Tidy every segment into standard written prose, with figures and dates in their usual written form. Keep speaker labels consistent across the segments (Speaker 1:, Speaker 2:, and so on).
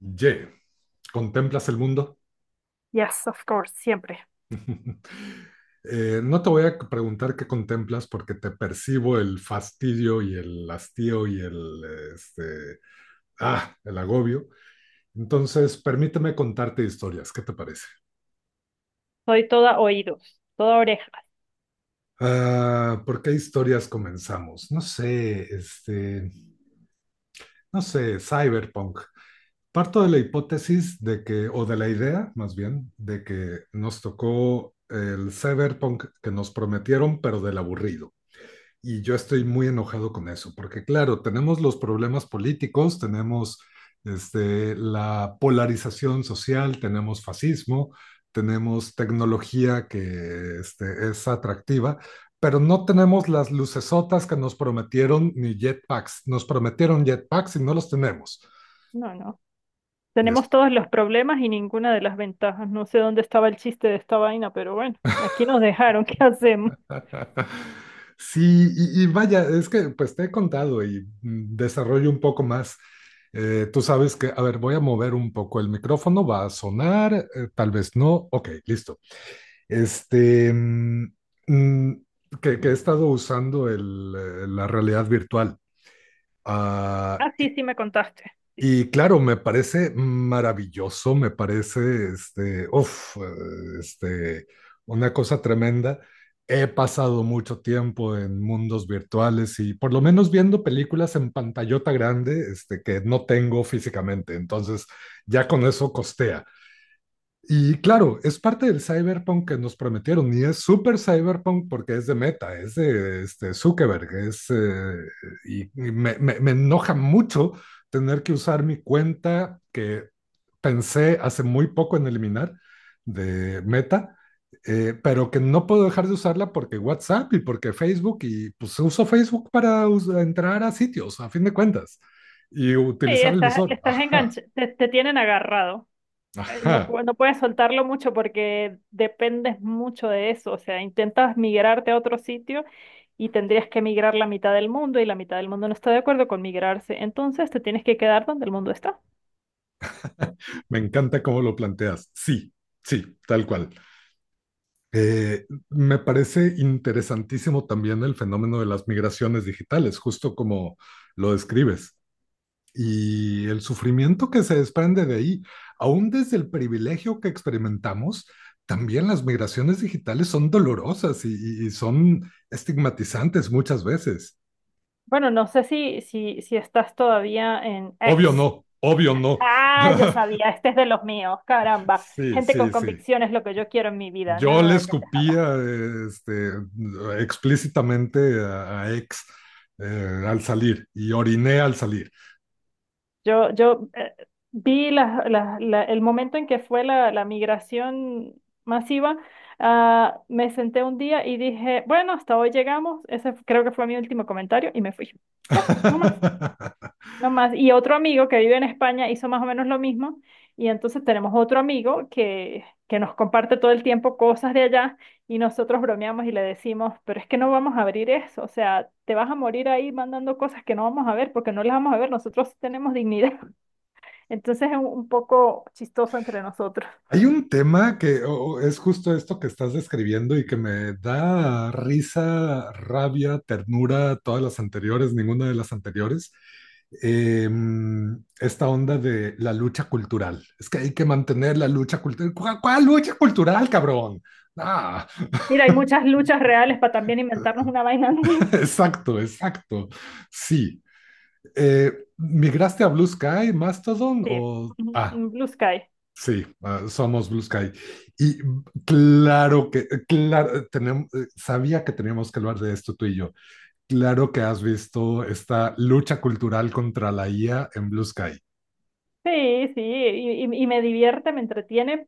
Speaker 1: Y. ¿Contemplas el mundo?
Speaker 2: Yes, of course, siempre.
Speaker 1: No te voy a preguntar qué contemplas porque te percibo el fastidio y el hastío y este, el agobio. Entonces, permíteme contarte historias. ¿Qué te parece?
Speaker 2: Soy toda oídos, toda oreja.
Speaker 1: ¿Por qué historias comenzamos? No sé, no sé, cyberpunk. Parto de la hipótesis de que, o de la idea, más bien, de que nos tocó el cyberpunk que nos prometieron, pero del aburrido. Y yo estoy muy enojado con eso, porque claro, tenemos los problemas políticos, tenemos la polarización social, tenemos fascismo, tenemos tecnología que es atractiva, pero no tenemos las lucesotas que nos prometieron ni jetpacks. Nos prometieron jetpacks y no los tenemos.
Speaker 2: No, no.
Speaker 1: Y es
Speaker 2: Tenemos todos los problemas y ninguna de las ventajas. No sé dónde estaba el chiste de esta vaina, pero bueno, aquí nos dejaron. ¿Qué hacemos?
Speaker 1: Sí, y vaya, es que pues te he contado y desarrollo un poco más. Tú sabes que, a ver, voy a mover un poco el micrófono, va a sonar, tal vez no. Ok, listo. Este, mm, mm, que he estado usando la realidad virtual. Ah,
Speaker 2: Ah, sí, sí me contaste. Sí.
Speaker 1: y claro, me parece maravilloso, me parece, una cosa tremenda. He pasado mucho tiempo en mundos virtuales y por lo menos viendo películas en pantallota grande, que no tengo físicamente. Entonces, ya con eso costea. Y claro, es parte del cyberpunk que nos prometieron y es súper cyberpunk porque es de Meta, es de Zuckerberg, es, me enoja mucho tener que usar mi cuenta que pensé hace muy poco en eliminar de Meta, pero que no puedo dejar de usarla porque WhatsApp y porque Facebook y pues uso Facebook para us- entrar a sitios, a fin de cuentas, y
Speaker 2: Sí,
Speaker 1: utilizar el
Speaker 2: estás,
Speaker 1: visor.
Speaker 2: estás
Speaker 1: Ajá,
Speaker 2: enganchado, te tienen agarrado. No,
Speaker 1: ajá.
Speaker 2: no puedes soltarlo mucho porque dependes mucho de eso. O sea, intentas migrarte a otro sitio y tendrías que migrar la mitad del mundo y la mitad del mundo no está de acuerdo con migrarse. Entonces te tienes que quedar donde el mundo está.
Speaker 1: Me encanta cómo lo planteas. Sí, sí, tal cual. Me parece interesantísimo también el fenómeno de las migraciones digitales, justo como lo describes, y el sufrimiento que se desprende de ahí, aún desde el privilegio que experimentamos. También las migraciones digitales son dolorosas y son estigmatizantes muchas veces.
Speaker 2: Bueno, no sé si, si, si estás todavía en
Speaker 1: Obvio
Speaker 2: X.
Speaker 1: no, obvio no.
Speaker 2: Ah, yo sabía, este es de los míos, caramba.
Speaker 1: Sí,
Speaker 2: Gente con
Speaker 1: sí, sí.
Speaker 2: convicción es lo que yo quiero en mi vida,
Speaker 1: Yo le
Speaker 2: nada de pendejadas.
Speaker 1: escupía este, explícitamente a ex al salir y oriné al salir.
Speaker 2: Yo vi el momento en que fue la migración masiva, me senté un día y dije, bueno, hasta hoy llegamos, ese creo que fue mi último comentario y me fui. Ya, no más. No más. Y otro amigo que vive en España hizo más o menos lo mismo. Y entonces tenemos otro amigo que nos comparte todo el tiempo cosas de allá y nosotros bromeamos y le decimos, pero es que no vamos a abrir eso. O sea, te vas a morir ahí mandando cosas que no vamos a ver porque no las vamos a ver. Nosotros sí tenemos dignidad. Entonces es un poco chistoso entre nosotros.
Speaker 1: Hay un tema que o- es justo esto que estás describiendo y que me da risa, rabia, ternura, todas las anteriores, ninguna de las anteriores. Em, esta onda de la lucha cultural. Es que hay que mantener la lucha cultural. ¿Cuál, cuál lucha cultural, cabrón? Ah.
Speaker 2: Mira, hay muchas luchas reales para también inventarnos una vaina nueva.
Speaker 1: Exacto, exacto. Sí. Eh, ¿Migraste a Blue Sky, Mastodon
Speaker 2: Sí,
Speaker 1: o...
Speaker 2: un
Speaker 1: Ah,
Speaker 2: un Blue Sky.
Speaker 1: sí, ah, somos Blue Sky. Y claro, tenemos, sabía que teníamos que hablar de esto tú y yo. Claro que has visto esta lucha cultural contra la IA en Blue Sky.
Speaker 2: Sí, sí, y me divierte, me entretiene.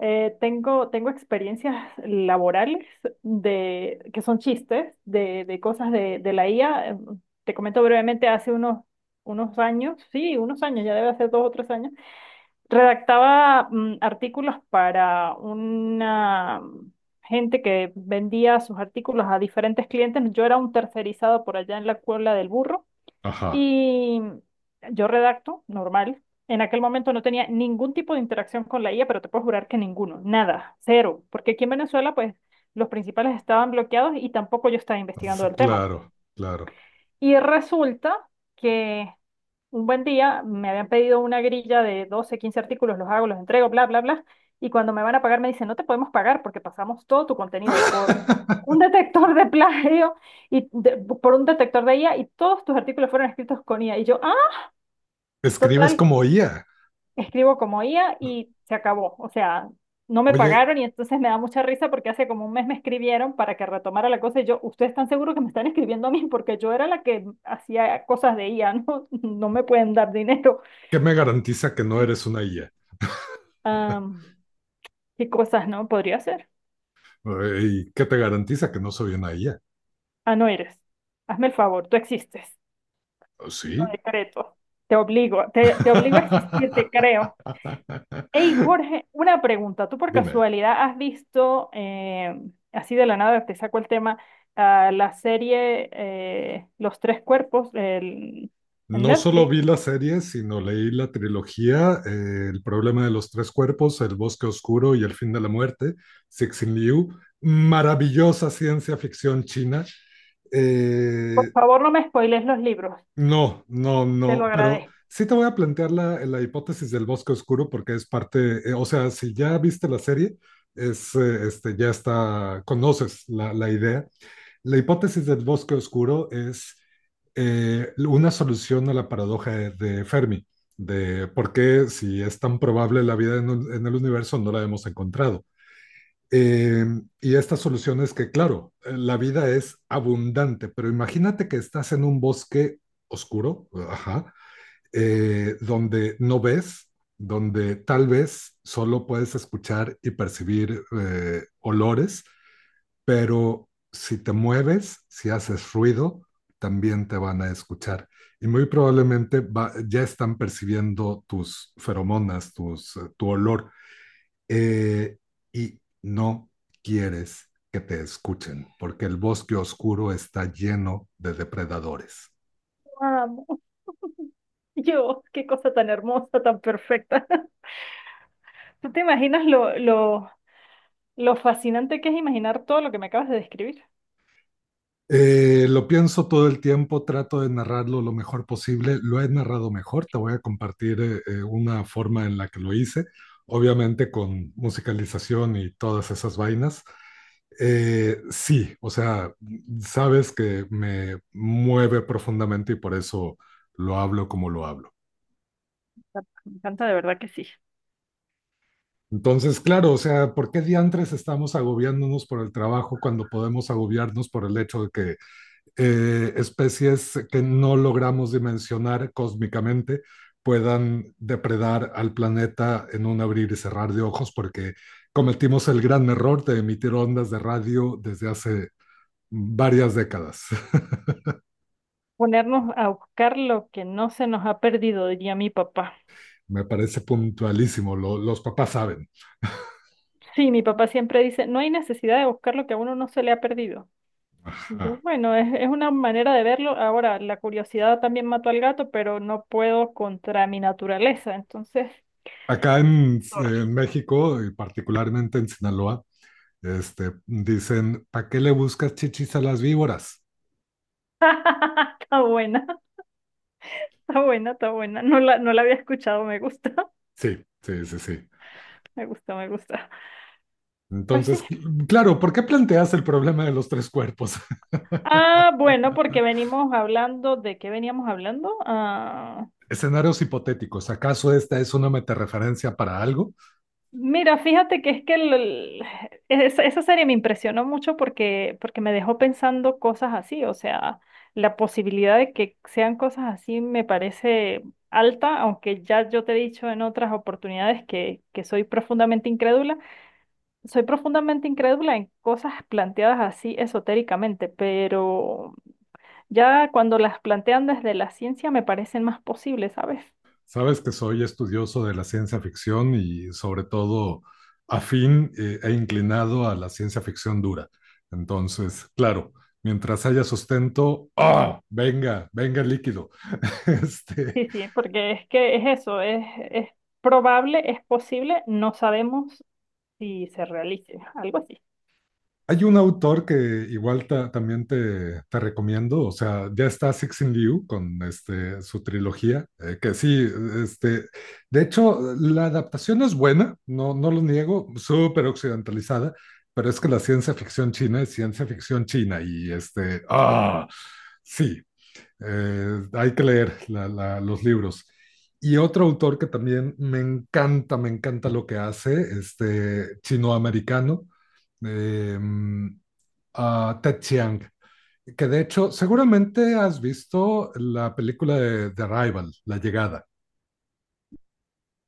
Speaker 2: Tengo experiencias laborales de, que son chistes de cosas de la IA. Te comento brevemente, hace unos años, sí, unos años, ya debe hacer 2 o 3 años, redactaba artículos para una gente que vendía sus artículos a diferentes clientes. Yo era un tercerizado por allá en la Cuebla del Burro
Speaker 1: Ajá,
Speaker 2: y yo redacto, normal. En aquel momento no tenía ningún tipo de interacción con la IA, pero te puedo jurar que ninguno, nada, cero, porque aquí en Venezuela, pues los principales estaban bloqueados y tampoco yo estaba investigando
Speaker 1: s-
Speaker 2: el tema.
Speaker 1: claro, claro.
Speaker 2: Y resulta que un buen día me habían pedido una grilla de 12-15 artículos, los hago, los entrego, bla, bla, bla. Y cuando me van a pagar me dicen, no te podemos pagar porque pasamos todo tu contenido por un detector de plagio y por un detector de IA y todos tus artículos fueron escritos con IA. Y yo,
Speaker 1: Escribes
Speaker 2: total,
Speaker 1: como IA.
Speaker 2: escribo como IA y se acabó. O sea, no me
Speaker 1: Oye,
Speaker 2: pagaron y entonces me da mucha risa porque hace como un mes me escribieron para que retomara la cosa y yo, ¿ustedes están seguros que me están escribiendo a mí? Porque yo era la que hacía cosas de IA, ¿no? No me pueden dar dinero.
Speaker 1: ¿qué me garantiza que no eres una IA?
Speaker 2: Am, ¿Qué cosas no podría hacer?
Speaker 1: ¿Y qué te garantiza que no soy una IA?
Speaker 2: Ah, no eres. Hazme el favor, tú existes. Lo
Speaker 1: Sí,
Speaker 2: decreto. Te obligo, te obligo a existir, te creo. Hey Jorge, una pregunta. ¿Tú por
Speaker 1: Dime,
Speaker 2: casualidad has visto, así de la nada te saco el tema, la serie Los Tres Cuerpos en
Speaker 1: no solo
Speaker 2: Netflix?
Speaker 1: vi la serie, sino leí la trilogía, El problema de los tres cuerpos, El bosque oscuro y El fin de la muerte, Cixin Liu, maravillosa ciencia ficción china.
Speaker 2: Por
Speaker 1: Eh,
Speaker 2: favor, no me spoiles los libros,
Speaker 1: no, no,
Speaker 2: te lo
Speaker 1: no, Pero
Speaker 2: agradezco.
Speaker 1: sí te voy a plantear la hipótesis del bosque oscuro porque es parte, o sea, si ya viste la serie, ya está, conoces la idea. La hipótesis del bosque oscuro es una solución a la paradoja de Fermi, de por qué si es tan probable la vida en, un- en el universo no la hemos encontrado. Eh, y esta solución es que, claro, la vida es abundante, pero imagínate que estás en un bosque oscuro, ajá, donde no ves, donde tal vez solo puedes escuchar y percibir olores, pero si te mueves, si haces ruido, también te van a escuchar. Y muy probablemente ya están percibiendo tus feromonas, tu olor. Eh, y no quieres que te escuchen, porque el bosque oscuro está lleno de depredadores.
Speaker 2: Amo. Yo, qué cosa tan hermosa, tan perfecta. ¿Tú te imaginas lo fascinante que es imaginar todo lo que me acabas de describir?
Speaker 1: Lo pienso todo el tiempo, trato de narrarlo lo mejor posible. Lo he narrado mejor, te voy a compartir una forma en la que lo hice, obviamente con musicalización y todas esas vainas. Sí, o sea, sabes que me mueve profundamente y por eso lo hablo como lo hablo.
Speaker 2: Me encanta, de verdad que sí.
Speaker 1: Entonces, claro, o sea, ¿por qué diantres estamos agobiándonos por el trabajo cuando podemos agobiarnos por el hecho de que especies que no logramos dimensionar cósmicamente puedan depredar al planeta en un abrir y cerrar de ojos, porque cometimos el gran error de emitir ondas de radio desde hace varias décadas?
Speaker 2: Ponernos a buscar lo que no se nos ha perdido, diría mi papá.
Speaker 1: Me parece puntualísimo, lo, los papás saben.
Speaker 2: Sí, mi papá siempre dice, no hay necesidad de buscar lo que a uno no se le ha perdido. Y yo,
Speaker 1: Ajá.
Speaker 2: bueno, es una manera de verlo. Ahora, la curiosidad también mató al gato, pero no puedo contra mi naturaleza. Entonces.
Speaker 1: Acá
Speaker 2: Sorry.
Speaker 1: en, México, y particularmente en Sinaloa, dicen, ¿para qué le buscas chichis a las víboras?
Speaker 2: Está buena, está buena, está buena. No la había escuchado, me gusta.
Speaker 1: Sí, sí, sí, sí.
Speaker 2: Me gusta, me gusta. Pues sí.
Speaker 1: Entonces, claro, ¿por qué planteas el problema de los tres cuerpos?
Speaker 2: Ah, bueno, porque venimos hablando, ¿de qué veníamos hablando?
Speaker 1: Escenarios hipotéticos. ¿Acaso esta es una metareferencia para algo?
Speaker 2: Mira, fíjate que es que esa serie me impresionó mucho porque me dejó pensando cosas así, o sea, la posibilidad de que sean cosas así me parece alta, aunque ya yo te he dicho en otras oportunidades que soy profundamente incrédula en cosas planteadas así esotéricamente, pero ya cuando las plantean desde la ciencia me parecen más posibles, ¿sabes?
Speaker 1: Sabes que soy estudioso de la ciencia ficción y sobre todo afín e inclinado a la ciencia ficción dura. Entonces, claro, mientras haya sustento, ¡ah! Venga, venga el líquido. Este,
Speaker 2: Sí, sí, porque es que es eso, es probable, es posible, no sabemos si se realice, algo así.
Speaker 1: Hay un autor que igual también te recomiendo, o sea, ya está Cixin Liu con su trilogía, que sí, este, de hecho, la adaptación es buena, no, no lo niego, súper occidentalizada, pero es que la ciencia ficción china es ciencia ficción china y sí, hay que leer los libros. Y otro autor que también me encanta lo que hace, chinoamericano. Americano, a Ted Chiang, que de hecho seguramente has visto la película de The Arrival, La Llegada.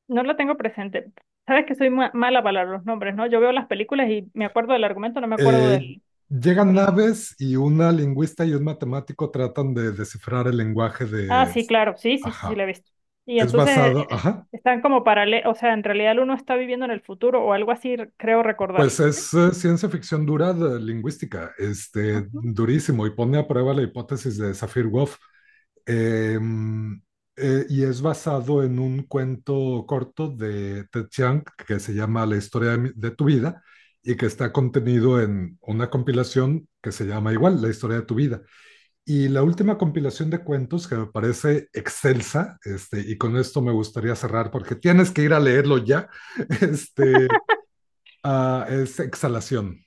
Speaker 2: No lo tengo presente. Sabes que soy mala para los nombres, ¿no? Yo veo las películas y me acuerdo del argumento, no me acuerdo
Speaker 1: Eh,
Speaker 2: del,
Speaker 1: Llegan
Speaker 2: del nombre.
Speaker 1: naves y una lingüista y un matemático tratan de descifrar el lenguaje
Speaker 2: Ah,
Speaker 1: de...
Speaker 2: sí, claro, sí, sí, sí, sí, la
Speaker 1: Ajá.
Speaker 2: he visto. Y
Speaker 1: Es
Speaker 2: entonces
Speaker 1: basado, ajá,
Speaker 2: están como paralelos, o sea, en realidad uno está viviendo en el futuro o algo así, creo recordar.
Speaker 1: pues
Speaker 2: Sí.
Speaker 1: es ciencia ficción dura de lingüística,
Speaker 2: Ujú.
Speaker 1: durísimo, y pone a prueba la hipótesis de Sapir-Whorf. Em, y es basado en un cuento corto de Ted Chiang que se llama La historia de tu vida, y que está contenido en una compilación que se llama igual, La historia de tu vida. Y la última compilación de cuentos que me parece excelsa, y con esto me gustaría cerrar porque tienes que ir a leerlo ya, este, es Exhalación.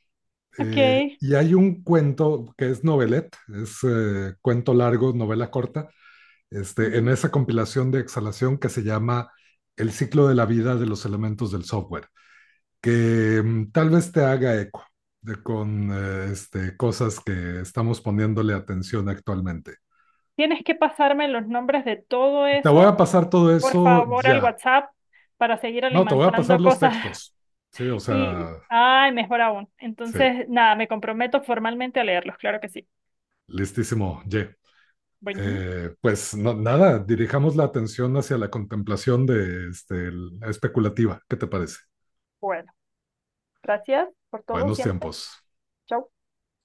Speaker 2: Ok.
Speaker 1: Eh, y hay un cuento que es novelette, es cuento largo, novela corta, en
Speaker 2: Ujú.
Speaker 1: esa compilación de exhalación, que se llama El ciclo de la vida de los elementos del software, que tal vez te haga eco de, con cosas que estamos poniéndole atención actualmente.
Speaker 2: Tienes que pasarme los nombres de todo
Speaker 1: Te voy a
Speaker 2: eso
Speaker 1: pasar todo
Speaker 2: por
Speaker 1: eso
Speaker 2: favor, al
Speaker 1: ya.
Speaker 2: WhatsApp para seguir
Speaker 1: No, te voy a pasar
Speaker 2: alimentando
Speaker 1: los
Speaker 2: cosas
Speaker 1: textos. Sí, o
Speaker 2: y,
Speaker 1: sea,
Speaker 2: ay, mejor aún.
Speaker 1: sí,
Speaker 2: Entonces, nada, me comprometo formalmente a leerlos, claro que sí.
Speaker 1: listísimo, Ye.
Speaker 2: Bueno,
Speaker 1: Pues no, nada, dirijamos la atención hacia la contemplación de la especulativa. ¿Qué te parece?
Speaker 2: bueno, gracias por todo
Speaker 1: Buenos
Speaker 2: siempre.
Speaker 1: tiempos.
Speaker 2: Chau.